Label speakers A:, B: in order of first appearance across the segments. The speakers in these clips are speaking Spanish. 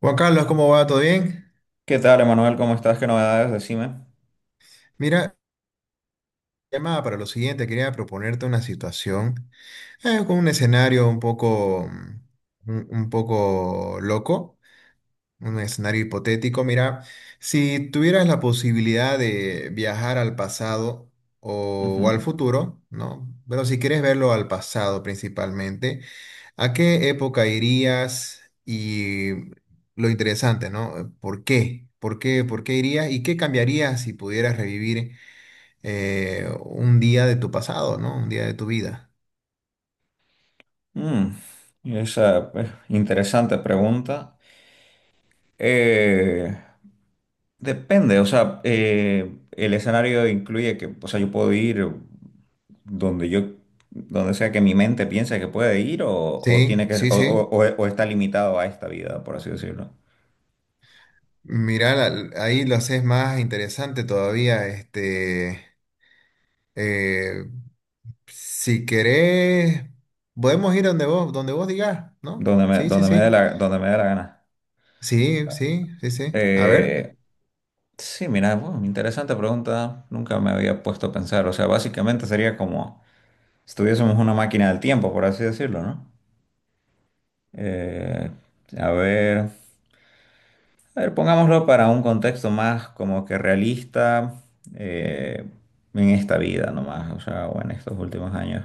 A: Juan Carlos, ¿cómo va? ¿Todo bien?
B: ¿Qué tal, Emanuel? ¿Cómo estás? ¿Qué novedades? Decime.
A: Mira, llamada para lo siguiente, quería proponerte una situación con un escenario un poco, un poco loco, un escenario hipotético. Mira, si tuvieras la posibilidad de viajar al pasado
B: Ujú.
A: o al futuro, ¿no? Pero si quieres verlo al pasado principalmente, ¿a qué época irías? Y lo interesante, ¿no? ¿Por qué? ¿Por qué? ¿Por qué irías? ¿Y qué cambiarías si pudieras revivir un día de tu pasado, ¿no? Un día de tu vida.
B: Mm, esa interesante pregunta. Eh, Depende, o sea, el escenario incluye que, o sea, yo puedo ir donde yo, donde sea que mi mente piense que puede ir o tiene
A: Sí,
B: que,
A: sí, sí.
B: o está limitado a esta vida, por así decirlo.
A: Mira, ahí lo haces más interesante todavía. Eh, si querés, podemos ir donde vos digas, ¿no? Sí, sí,
B: Donde me dé
A: sí.
B: donde me dé la gana.
A: Sí, sí, sí, sí. A ver,
B: Eh, sí, mira, bueno, interesante pregunta. Nunca me había puesto a pensar. O sea, básicamente sería como estuviésemos una máquina del tiempo, por así decirlo, ¿no? Eh, a ver, a ver, pongámoslo para un contexto más como que realista, eh, en esta vida nomás, o sea, o en estos últimos años.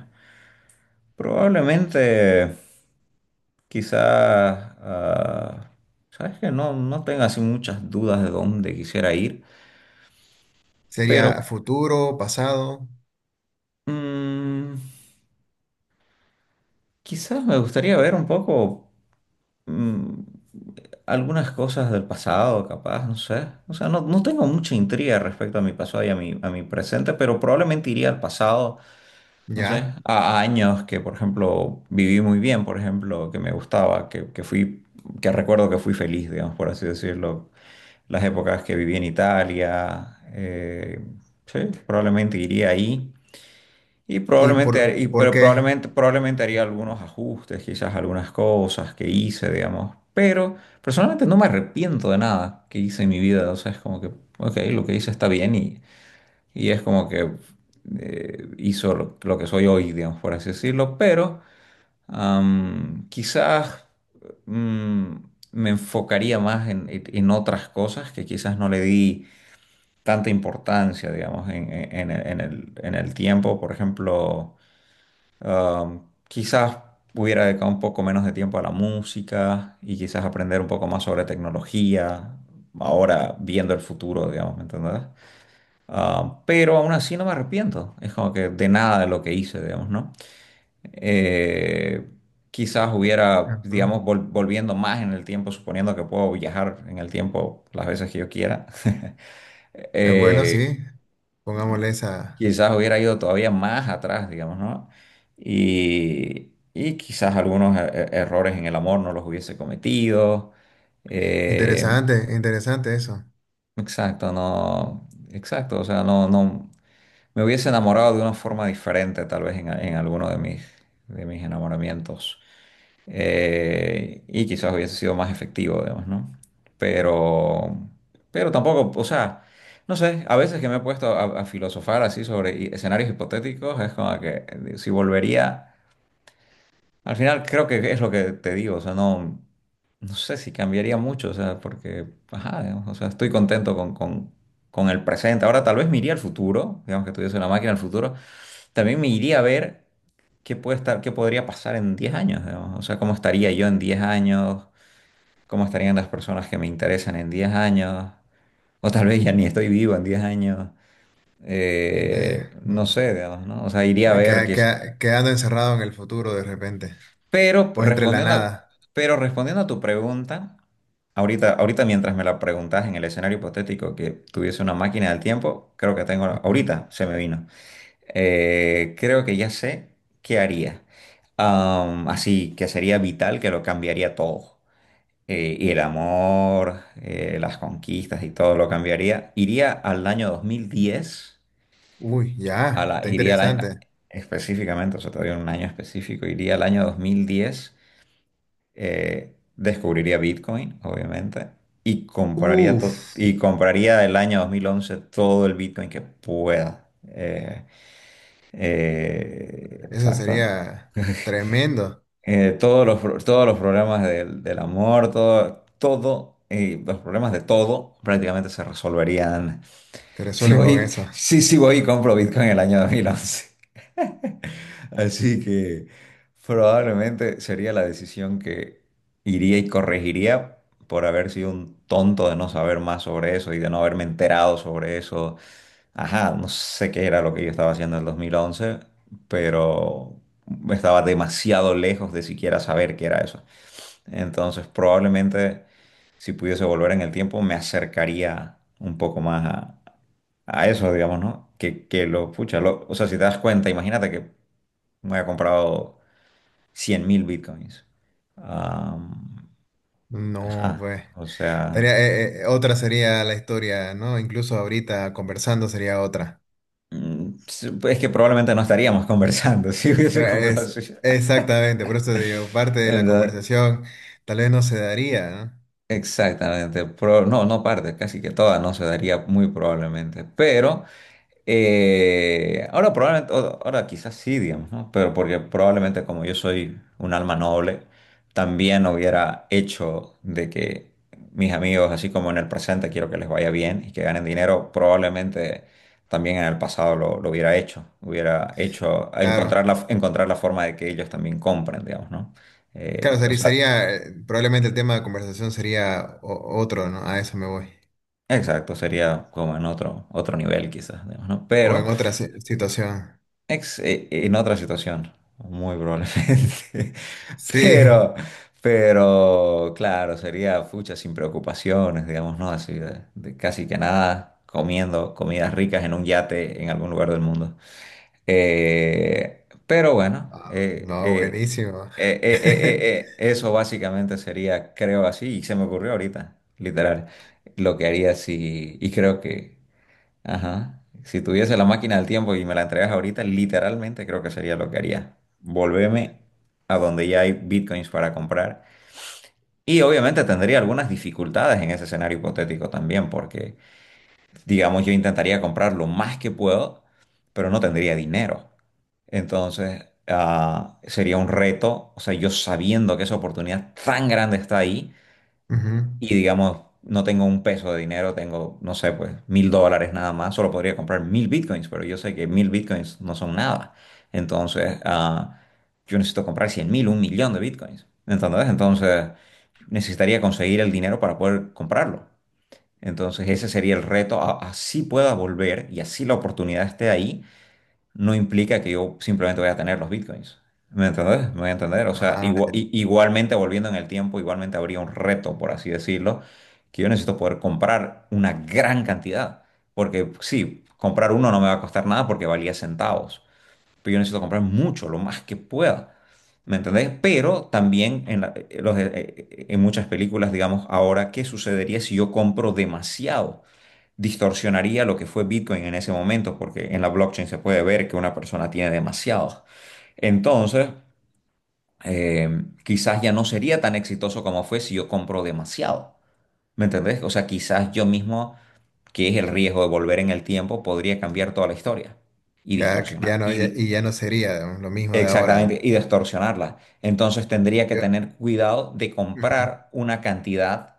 B: Probablemente, quizás, sabes que no tengo así muchas dudas de dónde quisiera ir,
A: sería
B: pero
A: futuro, pasado.
B: mm, quizás me gustaría ver un poco. mm, Algunas cosas del pasado, capaz, no sé. O sea, no tengo mucha intriga respecto a mi pasado y a a mi presente, pero probablemente iría al pasado, no sé,
A: Ya.
B: a años que, por ejemplo, viví muy bien, por ejemplo, que me gustaba, que fui, que recuerdo que fui feliz, digamos, por así decirlo. Las épocas que viví en Italia, sí, probablemente iría ahí. Y
A: ¿Y
B: probablemente,
A: por qué?
B: probablemente haría algunos ajustes, quizás algunas cosas que hice, digamos. Pero personalmente no me arrepiento de nada que hice en mi vida. O sea, es como que ok, lo que hice está bien, y es como que hizo lo que soy hoy, digamos, por así decirlo. Pero quizás, mm, me enfocaría más en otras cosas que quizás no le di tanta importancia, digamos, en el tiempo. Por ejemplo, Ah, quizás hubiera dedicado un poco menos de tiempo a la música y quizás aprender un poco más sobre tecnología, ahora viendo el futuro, digamos, ¿me entendés? Pero aún así no me arrepiento, es como que de nada de lo que hice, digamos, ¿no? Eh, Quizás hubiera,
A: Ajá.
B: digamos, volviendo más en el tiempo, suponiendo que puedo viajar en el tiempo las veces que yo quiera.
A: Bueno,
B: Eh,
A: sí. Pongámosle esa.
B: Quizás hubiera ido todavía más atrás, digamos, ¿no? Y quizás algunos errores en el amor no los hubiese cometido. Eh,
A: Interesante, interesante eso.
B: exacto, no, exacto, o sea, no, no, me hubiese enamorado de una forma diferente, tal vez en alguno de de mis enamoramientos, y quizás hubiese sido más efectivo, digamos, ¿no? Pero, pero tampoco, o sea, no sé, a veces que me he puesto a filosofar así sobre escenarios hipotéticos, es como que si volvería, al final creo que es lo que te digo, o sea, no, no sé si cambiaría mucho, o sea, porque, ajá, digamos, o sea, estoy contento con el presente. Ahora tal vez me iría al futuro, digamos que tuviese una máquina del futuro, también me iría a ver qué puede estar, qué podría pasar en 10 años, digamos. O sea, cómo estaría yo en 10 años, cómo estarían las personas que me interesan en 10 años, o tal vez ya ni estoy vivo en 10 años.
A: De,
B: No
A: mm,
B: sé, digamos, ¿no? O sea, iría a ver qué es.
A: que- quedando encerrado en el futuro de repente.
B: Pero
A: O entre la
B: respondiendo,
A: nada.
B: pero respondiendo a tu pregunta, ahorita, ahorita mientras me la preguntas en el escenario hipotético que tuviese una máquina del tiempo, creo que tengo,
A: Ujú.
B: ahorita se me vino. Creo que ya sé qué haría. Así que sería vital que lo cambiaría todo. Y el amor, las conquistas y todo lo cambiaría. Iría al año 2010,
A: Uy, ya. Está
B: iría al año,
A: interesante.
B: específicamente, o sea, todavía un año específico, iría al año 2010, descubriría Bitcoin, obviamente, y compraría,
A: Uf.
B: y compraría el año 2011 todo el Bitcoin que pueda.
A: Eso
B: Exacto.
A: sería tremendo.
B: Todos los, todos los problemas del amor, todo, todo, los problemas de todo prácticamente se resolverían.
A: Te
B: Si
A: resuelven con
B: voy,
A: eso.
B: sí, sí voy y compro Bitcoin en el año 2011. Así que probablemente sería la decisión que iría y corregiría por haber sido un tonto de no saber más sobre eso y de no haberme enterado sobre eso. Ajá, no sé qué era lo que yo estaba haciendo en el 2011, pero estaba demasiado lejos de siquiera saber qué era eso. Entonces, probablemente si pudiese volver en el tiempo, me acercaría un poco más a eso, digamos, ¿no? Que lo, pucha, o sea, si te das cuenta, imagínate que me había comprado 100.000 bitcoins. Am,
A: No,
B: ajá,
A: pues.
B: o sea,
A: Otra sería la historia, ¿no? Incluso ahorita conversando sería otra.
B: mm, es que probablemente no estaríamos conversando. Si hubiese comprado
A: Es,
B: así.
A: exactamente, por eso digo, parte de la conversación tal vez no se daría, ¿no?
B: Exactamente, no, no parte, casi que toda no se daría muy probablemente, pero ahora probablemente, ahora quizás sí, digamos, ¿no? Pero porque probablemente como yo soy un alma noble, también hubiera hecho de que mis amigos, así como en el presente quiero que les vaya bien y que ganen dinero, probablemente también en el pasado lo hubiera hecho
A: Claro,
B: encontrar encontrar la forma de que ellos también compren, digamos, ¿no?
A: claro,
B: O
A: sería,
B: sea,
A: sería, probablemente el tema de conversación sería otro, ¿no? A eso me voy.
B: exacto, sería como en otro, otro nivel quizás, digamos, ¿no?
A: O
B: Pero,
A: en otra situación.
B: En otra situación, muy probablemente.
A: Sí.
B: Pero, pero, claro, sería fucha sin preocupaciones, digamos, ¿no? Así de casi que nada, comiendo comidas ricas en un yate en algún lugar del mundo. Pero bueno,
A: Ah, no, buenísimo.
B: eso básicamente sería, creo así, y se me ocurrió ahorita, literal, lo que haría si, y creo que ajá. Si tuviese la máquina del tiempo y me la entregas ahorita, literalmente creo que sería lo que haría. Volverme a donde ya hay bitcoins para comprar. Y obviamente tendría algunas dificultades en ese escenario hipotético también, porque digamos yo intentaría comprar lo más que puedo, pero no tendría dinero. Entonces, sería un reto, o sea, yo sabiendo que esa oportunidad tan grande está ahí
A: Ujú.
B: y digamos, no tengo un peso de dinero, tengo, no sé, pues $1000 nada más, solo podría comprar 1000 bitcoins, pero yo sé que 1000 bitcoins no son nada. Entonces, yo necesito comprar 100.000, un millón de bitcoins. ¿Entendés? Entonces, necesitaría conseguir el dinero para poder comprarlo. Entonces, ese sería el reto. Así pueda volver y así la oportunidad esté ahí, no implica que yo simplemente voy a tener los bitcoins. ¿Me entendés? ¿Me voy a entender? O sea,
A: Ah, ya,
B: igualmente volviendo en el tiempo, igualmente habría un reto, por así decirlo, que yo necesito poder comprar una gran cantidad. Porque sí, comprar uno no me va a costar nada porque valía centavos. Pero yo necesito comprar mucho, lo más que pueda. ¿Me entendés? Pero también en, en muchas películas, digamos, ahora, ¿qué sucedería si yo compro demasiado? Distorsionaría lo que fue Bitcoin en ese momento, porque en la blockchain se puede ver que una persona tiene demasiados. Entonces, eh, quizás ya no sería tan exitoso como fue si yo compro demasiado. ¿Me entendés? O sea, quizás yo mismo, que es el riesgo de volver en el tiempo, podría cambiar toda la historia y distorsionar.
A: ya no sería, ¿no?, lo mismo de ahora.
B: Exactamente, y distorsionarla. Entonces tendría que
A: Yo-
B: tener cuidado de
A: ujú.
B: comprar una cantidad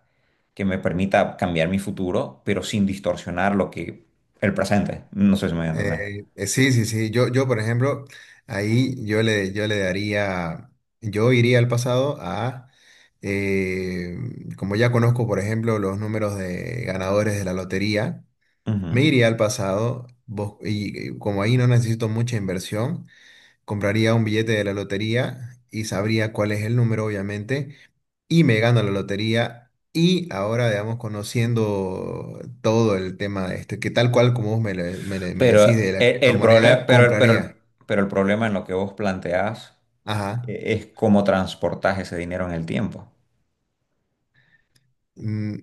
B: que me permita cambiar mi futuro, pero sin distorsionar lo que el presente. No sé si me voy a entender.
A: Sí, sí, sí. Yo, por ejemplo, yo le daría, yo iría al pasado a, eh, como ya conozco, por ejemplo, los números de ganadores de la lotería,
B: Ujú.
A: me iría al pasado como ahí no necesito mucha inversión, compraría un billete de la lotería y sabría cuál es el número, obviamente, y me gano la lotería. Y ahora, digamos, conociendo todo el tema, de este, que tal cual como vos me, le- me, le- me
B: Pero
A: decís de la
B: el problema,
A: criptomoneda, compraría.
B: pero el problema en lo que vos planteás,
A: Ajá.
B: es cómo transportás ese dinero en el tiempo.
A: Mm,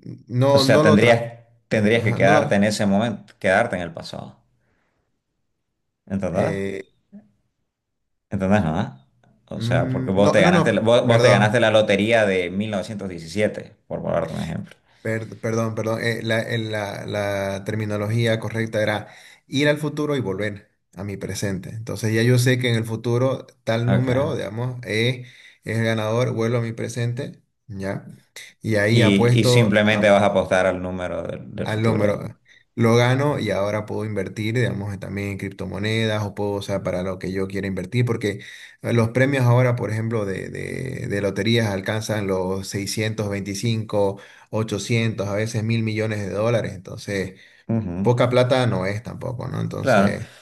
B: O
A: no,
B: sea,
A: no lo
B: tendrías,
A: otra.
B: tendrías que
A: Ajá, no
B: quedarte en
A: lo.
B: ese momento, quedarte en el pasado. ¿Entendés?
A: Eh,
B: ¿Entendés, no? O sea, porque
A: mm,
B: vos
A: no,
B: te
A: no,
B: ganaste,
A: no,
B: vos, vos te ganaste
A: perdón.
B: la lotería de 1917, por ponerte un ejemplo.
A: Perdón, la terminología correcta era ir al futuro y volver a mi presente. Entonces ya yo sé que en el futuro tal
B: Ok.
A: número, digamos, es el ganador, vuelvo a mi presente, ¿ya? Y ahí
B: Y
A: apuesto,
B: simplemente vas a apostar al número del
A: al
B: futuro.
A: hombro. Lo gano y ahora puedo invertir, digamos, también en criptomonedas o puedo usar para lo que yo quiera invertir, porque los premios ahora, por ejemplo, de loterías alcanzan los 625, 800, a veces $1.000.000.000. Entonces,
B: Ujú,
A: poca plata no es tampoco, ¿no?
B: claro,
A: Entonces,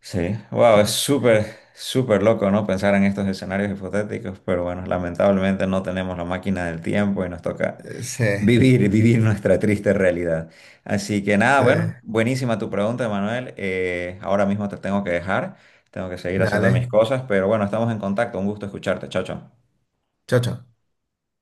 B: sí. Wow, es
A: ah,
B: súper, súper loco, ¿no? Pensar en estos escenarios hipotéticos, pero bueno, lamentablemente no tenemos la máquina del tiempo y nos toca
A: eh, se,
B: vivir, vivir nuestra triste realidad. Así que nada, bueno,
A: se,
B: buenísima tu pregunta, Manuel. Ahora mismo te tengo que dejar, tengo que seguir haciendo mis
A: dale.
B: cosas, pero bueno, estamos en contacto. Un gusto escucharte. Chao, chao.
A: Chao, chao.